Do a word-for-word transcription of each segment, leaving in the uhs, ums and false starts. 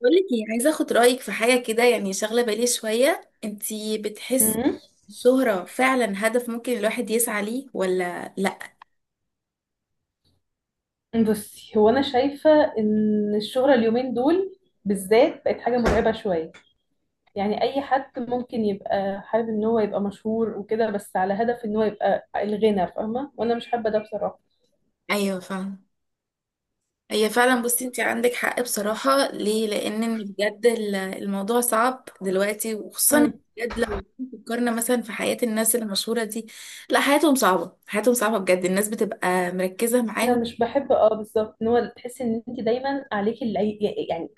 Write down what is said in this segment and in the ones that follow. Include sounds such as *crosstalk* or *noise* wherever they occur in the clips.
بقول لك ايه، عايزه اخد رايك في حاجه كده، يعني شاغله بالي شويه. انتي بتحسي مم. الشهره فعلا هدف ممكن الواحد يسعى ليه ولا لا؟ بصي هو انا شايفه ان الشهره اليومين دول بالذات بقت حاجه مرعبه شويه. يعني اي حد ممكن يبقى حابب ان هو يبقى مشهور وكده، بس على هدف ان هو يبقى الغنى، فاهمه، وانا مش حابه ده بصراحه. ايوه، فاهم. هي فعلا، بصي انتي عندك حق بصراحه، ليه؟ لان بجد ال- الموضوع صعب دلوقتي، وخصوصا مم. بجد لو فكرنا مثلا في حياه الناس المشهوره دي. لا، حياتهم صعبه، حياتهم صعبه بجد. الناس بتبقى مركزه انا معاهم. مش بحب اه بالظبط ان هو تحسي ان انت دايما عليكي العي- يعني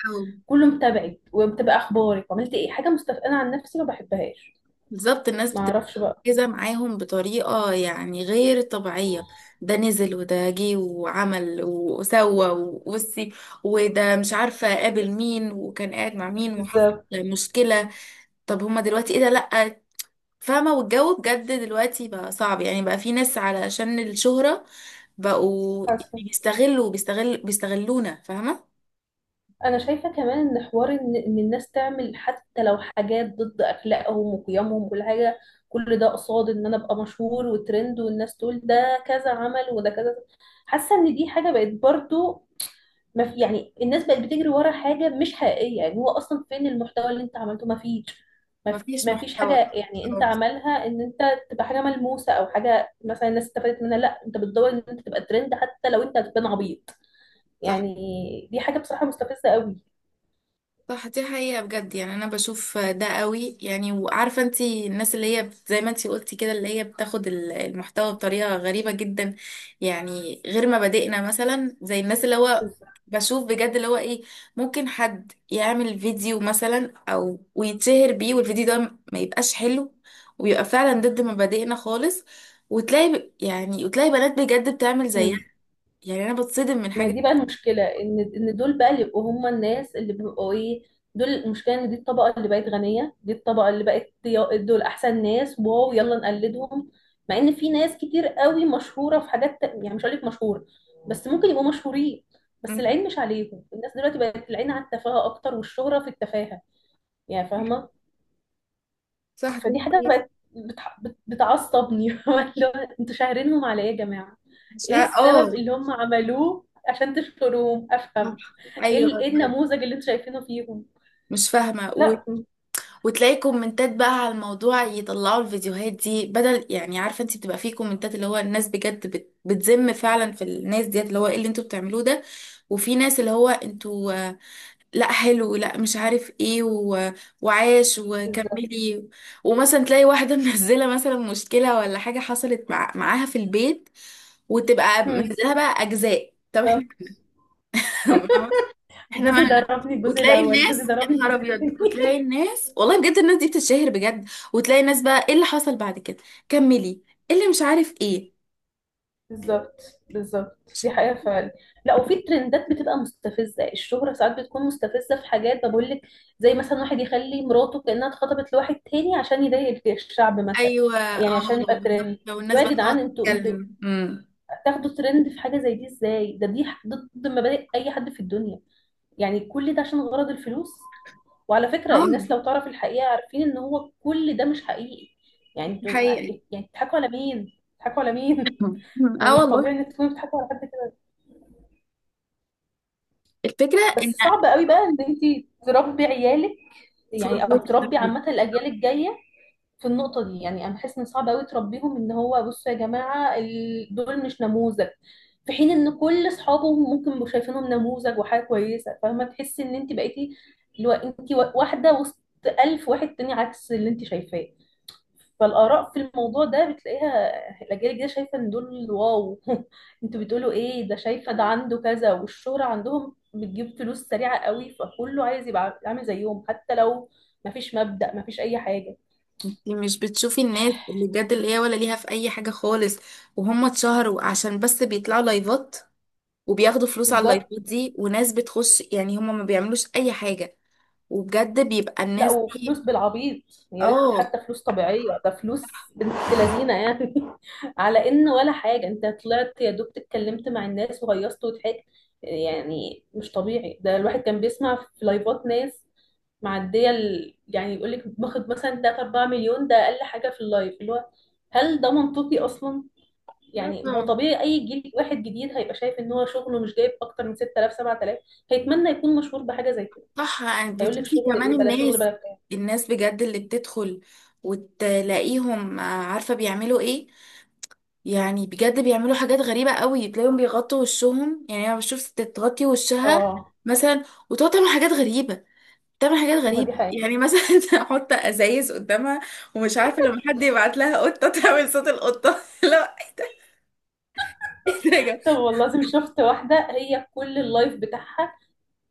كله متابعك ومتابع اخبارك وعملت ايه حاجه مستف... انا عن نفسي ما بحبهاش، بالظبط، الناس ما بتبقى اعرفش بقى، مركزة معاهم بطريقة يعني غير طبيعية. ده نزل وده جه وعمل وسوى وبصي، وده مش عارفة قابل مين وكان قاعد مع مين وحصل بالظبط. مشكلة. طب هما دلوقتي ايه ده؟ لأ، فاهمة. والجو بجد دلوقتي بقى صعب، يعني بقى في ناس علشان الشهرة بقوا يعني بيستغلوا بيستغل بيستغلونا، فاهمة. انا شايفه كمان ان حوار ان إن الناس تعمل حتى لو حاجات ضد اخلاقهم وقيمهم وكل حاجه، كل ده قصاد ان انا ابقى مشهور وترند والناس تقول ده كذا عمل وده كذا. حاسه ان دي حاجه بقت برضو ما في، يعني الناس بقت بتجري ورا حاجه مش حقيقيه، يعني هو اصلا فين المحتوى اللي انت عملته؟ ما فيش، ما ف- مفيش ما فيش محتوى. حاجه، يعني انت أه، عملها ان انت تبقى حاجه ملموسه او حاجه مثلا الناس استفادت منها، لا انت بتدور ان انت تبقى ترند حتى لو انت هتبان عبيط، صح، يعني دي حاجه بصراحه مستفزه قوي. صح، دي حقيقة بجد. يعني أنا بشوف ده قوي يعني. وعارفة انتي الناس اللي هي بت- زي ما انتي قلتي كده، اللي هي بتاخد ال- المحتوى بطريقة غريبة جدا. يعني غير مبادئنا مثلا، زي الناس اللي هو بالظبط. بشوف بجد اللي هو ايه. ممكن حد يعمل فيديو مثلا أو ويتشهر بيه، والفيديو ده ما يبقاش حلو، ويبقى فعلا ضد مبادئنا خالص. وتلاقي ب- يعني وتلاقي بنات بجد بتعمل زيها. مم. يعني أنا بتصدم من ما حاجة. دي بقى المشكلة، ان ان دول بقى اللي يبقوا هم الناس اللي بيبقوا ايه، دول المشكلة، ان دي الطبقة اللي بقت غنية، دي الطبقة اللي بقت يا- دول احسن ناس، واو يلا نقلدهم، مع ان في ناس كتير قوي مشهورة في حاجات تا- يعني مش هقولك مشهورة، بس ممكن يبقوا مشهورين، بس مم. العين مش عليهم. الناس دلوقتي بقت العين على التفاهة اكتر والشهرة في التفاهة، يعني فاهمة. صح، دي فدي حاجة حقيقة. بقت بتع... بت- بتعصبني *laughs* اللي هو انتوا شاهرينهم عليا يا جماعة، مش ايه ه- اه، السبب اللي هم عملوه عشان تشكروهم؟ افهم، صح. ايه ايوه ال- ايه بجد. النموذج اللي انتوا شايفينه فيهم؟ مش فاهمه و... لا وتلاقي كومنتات بقى على الموضوع، يطلعوا الفيديوهات دي بدل يعني. عارفه انت بتبقى فيه كومنتات اللي هو الناس بجد بت... بتذم فعلا في الناس ديت، اللي هو ايه اللي انتوا بتعملوه ده؟ وفي ناس اللي هو انتوا آه، لا حلو، لا مش عارف ايه و... وعاش بالظبط. وكملي. ومثلا تلاقي واحده *laughs* منزله مثلا مشكله ولا حاجه حصلت مع... معاها في البيت. وتبقى هم، منزلها بقى اجزاء. طب بالظبط. احنا *laughs* احنا جوزي مالنا؟ ضربني الجزء وتلاقي الاول، جوزي الناس يا ضربني نهار الجزء ابيض، الثاني *laughs* وتلاقي الناس والله بجد الناس دي بتتشهر بجد. وتلاقي الناس بقى ايه اللي حصل بعد كده، كملي، إيه اللي مش عارف ايه. بالظبط بالظبط، دي حقيقة فعلا. لا، وفي ترندات بتبقى مستفزة، الشهرة ساعات بتكون مستفزة في حاجات، بقول لك زي مثلا واحد يخلي مراته كأنها اتخطبت لواحد تاني عشان يضايق الشعب مثلا، ايوه، يعني اه، عشان يبقى بالظبط. ترند. لو الناس يا بقى تقعد جدعان انتوا انتوا تتكلم امم تاخدوا ترند في حاجة زي دي ازاي؟ ده دي ضد مبادئ أي حد في الدنيا، يعني كل ده عشان غرض الفلوس. وعلى فكرة اه، الناس لو تعرف الحقيقة عارفين ان هو كل ده مش حقيقي، يعني دي انتوا حقيقة. أكيد- يعني بتضحكوا على مين؟ بتضحكوا على مين؟ *laughs* أمم، ما اه مش طبيعي والله. ان انت تكوني بتحبي على قد كده. الفكرة ان، بس صعب قوي بقى ان انت تربي عيالك، يعني فروت، او تربي انت عامه الاجيال الجايه في النقطه دي، يعني انا بحس ان صعب قوي تربيهم ان هو بصوا يا جماعه ال- دول مش نموذج، في حين ان كل اصحابهم ممكن يبقوا شايفينهم نموذج وحاجه كويسه، فاهمه، تحسي ان انت بقيتي اللي هو انت وا- واحده وسط الف واحد تاني عكس اللي انت شايفاه. فالآراء في الموضوع ده بتلاقيها، الأجيال الجديدة شايفة إن دول واو *laughs* انتوا بتقولوا إيه، ده شايفة ده عنده كذا، والشهرة عندهم بتجيب فلوس سريعة قوي، فكله عايز يبقى عامل زيهم حتى لو مفيش مبدأ، مفيش أي حاجة. مش بتشوفي الناس اللي بجد اللي هي ولا ليها في اي حاجة خالص، وهم اتشهروا عشان بس بيطلعوا لايفات، وبياخدوا فلوس على بالظبط. اللايفات دي وناس بتخش، يعني هم ما بيعملوش اي حاجة. وبجد بيبقى لا الناس وفلوس دي. بالعبيط، يا ريت اه. حتى فلوس طبيعية، ده فلوس بنت لذينة يعني *laughs* على إن ولا حاجة، أنت طلعت يا دوب اتكلمت مع الناس وهيصت وضحكت، يعني مش طبيعي. ده الواحد كان بيسمع في لايفات ناس معديه ال... يعني يقول لك باخد مثلا تلاتة اربعة مليون ده اقل حاجه في اللايف، اللي هو هل ده منطقي اصلا؟ لا يعني هو طبعا. طبيعي اي جيل واحد جديد هيبقى شايف ان هو شغله مش جايب اكتر من ستة آلاف سبعة آلاف هيتمنى يكون مشهور بحاجه زي كده، صح، يعني هيقول لك بتشوفي شغل كمان ايه بلا شغل الناس بلا بتاع. الناس بجد اللي بتدخل. وتلاقيهم آه، عارفة بيعملوا ايه، يعني بجد بيعملوا حاجات غريبة قوي. تلاقيهم بيغطوا وشهم، يعني انا بشوف ست تغطي وشها اه، مثلا، وتقعد تعمل حاجات غريبة، تعمل حاجات ما هو دي غريبة يعني، حقيقة. مثلا *laughs* تحط ازايز قدامها. ومش عارفة لما حد يبعت لها قطة تعمل صوت القطة. *laughs* لا، ايه ده يا طب والله العظيم شفت واحدة هي كل اللايف بتاعها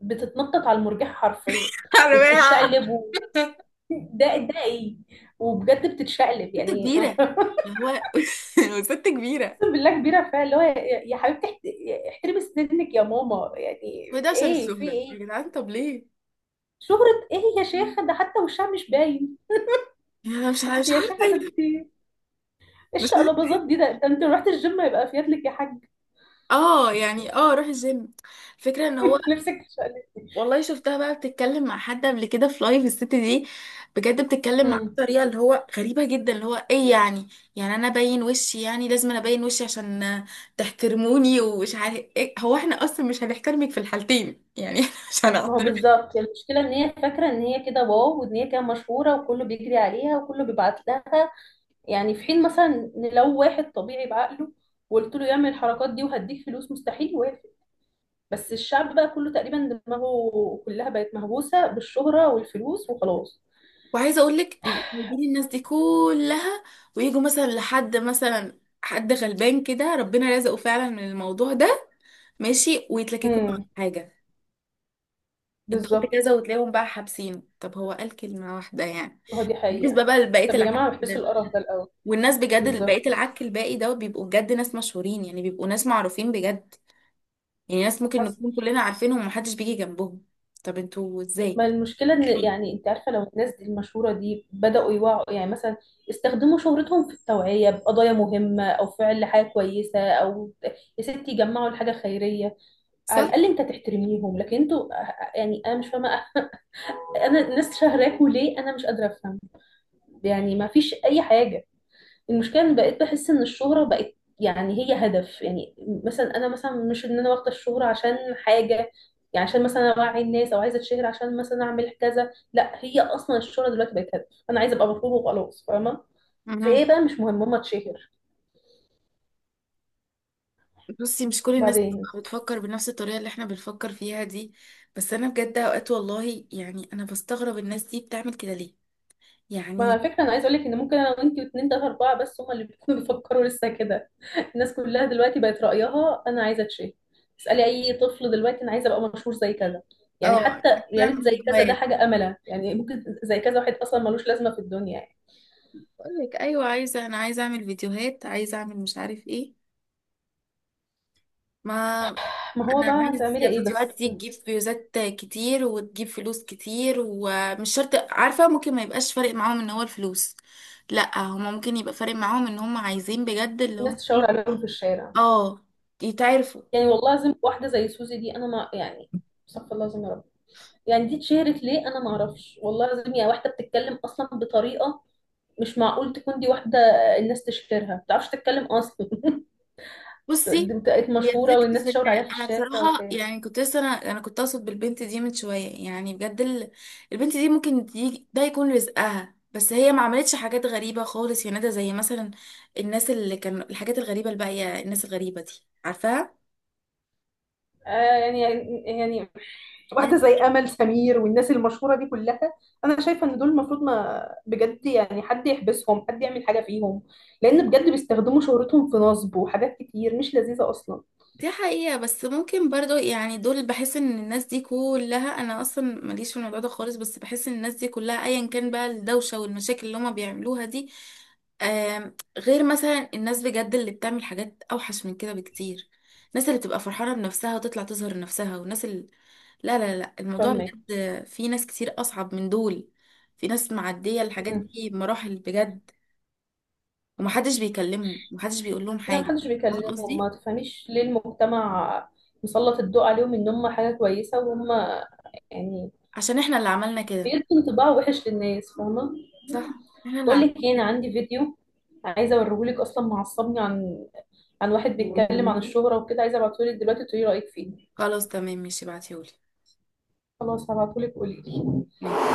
بتتنطط على المرجح حرفيا، جماعة؟ وبتتشقلب و... *laughs* ده ده ايه؟ وبجد بتتشقلب ست يعني كبيرة، *laughs* اللي هو *laughs* وست كبيرة. اقسم بالله كبيره، فيها اللي هو يا يا حبيبتي احت- احترمي سنك يا ماما، يعني هو ده عشان ايه، في الشهرة يا ايه؟ جدعان؟ طب ليه؟ شهرة ايه يا شيخة، ده حتى وشها مش باين يعني انا مش *laughs* عارفة انت مش يا عارفة شيخة، ده إيه. انت ايه مش عارفة. الشقلباظات دي، ده، ده انت لو رحت الجيم هيبقى فيات لك يا حاج اه يعني، اه روح الجيم. الفكرة ان هو *laughs* نفسك تشقلب. والله شفتها بقى بتتكلم مع حد قبل كده في لايف الست دي. بجد بتتكلم معاه امم، بطريقة اللي هو غريبة جدا، اللي هو ايه يعني. يعني انا باين وشي، يعني لازم انا باين وشي عشان تحترموني ومش عارف ايه. هو احنا اصلا مش هنحترمك في الحالتين يعني *laughs* مش ما هو هنعترف. بالظبط المشكلة ان هي فاكرة ان هي كده واو، وان هي كده مشهورة وكله بيجري عليها وكله بيبعت لها، يعني في حين مثلا ان لو واحد طبيعي بعقله وقلت له يعمل الحركات دي وهديك فلوس، مستحيل يوافق. بس الشعب بقى كله تقريبا دماغه كلها بقت مهووسة بالشهرة والفلوس وخلاص. وعايزه اقول لك، بيبقوا جايبين الناس دي كلها، ويجوا مثلا لحد، مثلا حد غلبان كده ربنا رزقه فعلا من الموضوع ده، ماشي، ويتلككوا له على امم، حاجه. انت قلت كذا، بالظبط. وتلاقيهم بقى حابسينه. طب هو قال كلمه واحده يعني. هو دي حقيقة. بالنسبه بقى لبقيه طب يا العك جماعة احبسوا ده، القرف ده الأول. والناس بجد بقيه بالظبط. العك الباقي ده بيبقوا بجد ناس مشهورين، يعني بيبقوا ناس معروفين بجد. يعني ناس ممكن حصل. نكون كلنا عارفينهم ومحدش بيجي جنبهم. طب انتوا ازاي؟ ما المشكلة إن، يعني أنت عارفة لو الناس دي المشهورة دي بدأوا يوعوا، يعني مثلا استخدموا شهرتهم في التوعية بقضايا مهمة أو فعل حاجة كويسة، أو يا ستي جمعوا لحاجة خيرية، على صح؟ الأقل أنت تحترميهم. لكن أنتوا، يعني أنا مش فاهمة، أنا الناس شهراكوا ليه؟ أنا مش قادرة أفهم، يعني ما فيش أي حاجة. المشكله ان بقيت بحس ان الشهره بقت يعني هي هدف، يعني مثلا انا مثلا مش ان انا واخده الشهره عشان حاجه، يعني عشان مثلا اوعي الناس او عايزه اتشهر عشان مثلا اعمل كذا، لا هي اصلا الشهره دلوقتي بقت هدف، انا عايزه ابقى مطلوبه وخلاص، فاهمه. في ايه بقى، مش مهم، ماما تشهر. بصي، مش كل الناس بعدين بتفكر بنفس الطريقة اللي احنا بنفكر فيها دي، بس انا بجد اوقات والله يعني انا بستغرب الناس دي بتعمل كده ليه، ما على يعني. فكرة أنا عايز أقولك إن ممكن أنا وأنتي واتنين تلاتة أربعة بس هما اللي بيكونوا *laughs* بيفكروا لسه كده. الناس كلها دلوقتي بقت رأيها أنا عايزة أتشهر، اسألي أي طفل دلوقتي أنا عايزة أبقى مشهور زي كذا، يعني اه، حتى انا يا ريت بعمل زي كذا، ده فيديوهات حاجة أملة يعني، ممكن زي كذا واحد أصلا ملوش لازمة في الدنيا يعني. بقول لك، ايوه عايزة، انا عايزة اعمل فيديوهات، عايزة اعمل مش عارف ايه. ما ما هو بقى انا عايز هتعملي إيه فيديوهات بس؟ دي تجيب فيوزات كتير وتجيب فلوس كتير، ومش شرط عارفة، ممكن ما يبقاش فارق معاهم ان هو الفلوس. لا، هما ممكن يبقى فارق معاهم ان هما عايزين بجد اللي الناس هم تشاور ايه. عليهم في الشارع، اه، يتعرفوا. يعني والله العظيم واحدة زي سوزي دي أنا ما يعني، استغفر الله العظيم يا رب، يعني دي اتشهرت ليه أنا ما أعرفش، والله العظيم يا واحدة بتتكلم أصلا بطريقة مش معقول تكون دي واحدة الناس تشهرها، ما بتعرفش تتكلم أصلا *laughs* دي بصي، بقت هي مشهورة الفكرة والناس في ان تشاور عليها في انا الشارع بصراحة، وبتاع. يعني كنت لسه انا انا كنت اقصد بالبنت دي من شوية، يعني بجد ال... البنت دي ممكن دي... ده يكون رزقها، بس هي ما عملتش حاجات غريبة خالص يا ندى، زي مثلا الناس اللي كانوا الحاجات الغريبة الباقية، الناس الغريبة دي عارفاها؟ آه، يعني، يعني واحدة زي يعني أمل سمير والناس المشهورة دي كلها، أنا شايفة إن دول المفروض ما بجد يعني حد يحبسهم، حد يعمل حاجة فيهم، لأن بجد بيستخدموا شهرتهم في نصب وحاجات كتير مش لذيذة أصلا. دي حقيقة، بس ممكن برضو يعني دول، بحس ان الناس دي كلها، انا اصلا ماليش في الموضوع ده خالص، بس بحس ان الناس دي كلها ايا كان بقى الدوشة والمشاكل اللي هما بيعملوها دي، آم، غير مثلا الناس بجد اللي بتعمل حاجات اوحش من كده بكتير. الناس اللي بتبقى فرحانة بنفسها وتطلع تظهر نفسها والناس اللي... لا، لا، لا، الموضوع فاهمة. بجد في ناس كتير اصعب من دول. في ناس معدية الحاجات دي بمراحل بجد، ومحدش بيكلمهم ومحدش بيقول لهم لا حاجة. محدش فاهم بيكلمهم، قصدي؟ ما تفهميش ليه، المجتمع مسلط الضوء عليهم إن هم حاجة كويسة، وهم يعني عشان احنا اللي عملنا كده. بيدوا انطباع وحش للناس، فاهمة. صح، احنا اللي بقول لك عملنا ايه، انا كده. عندي فيديو عايزه اوريه لك، اصلا معصبني، عن عن واحد بيتكلم عن الشهرة وكده، عايزه ابعته لك دلوقتي تقولي رأيك فيه. خلاص، تمام، ماشي، ابعتيهولي. خلاص هبعته لك، قولي لي. ماشي.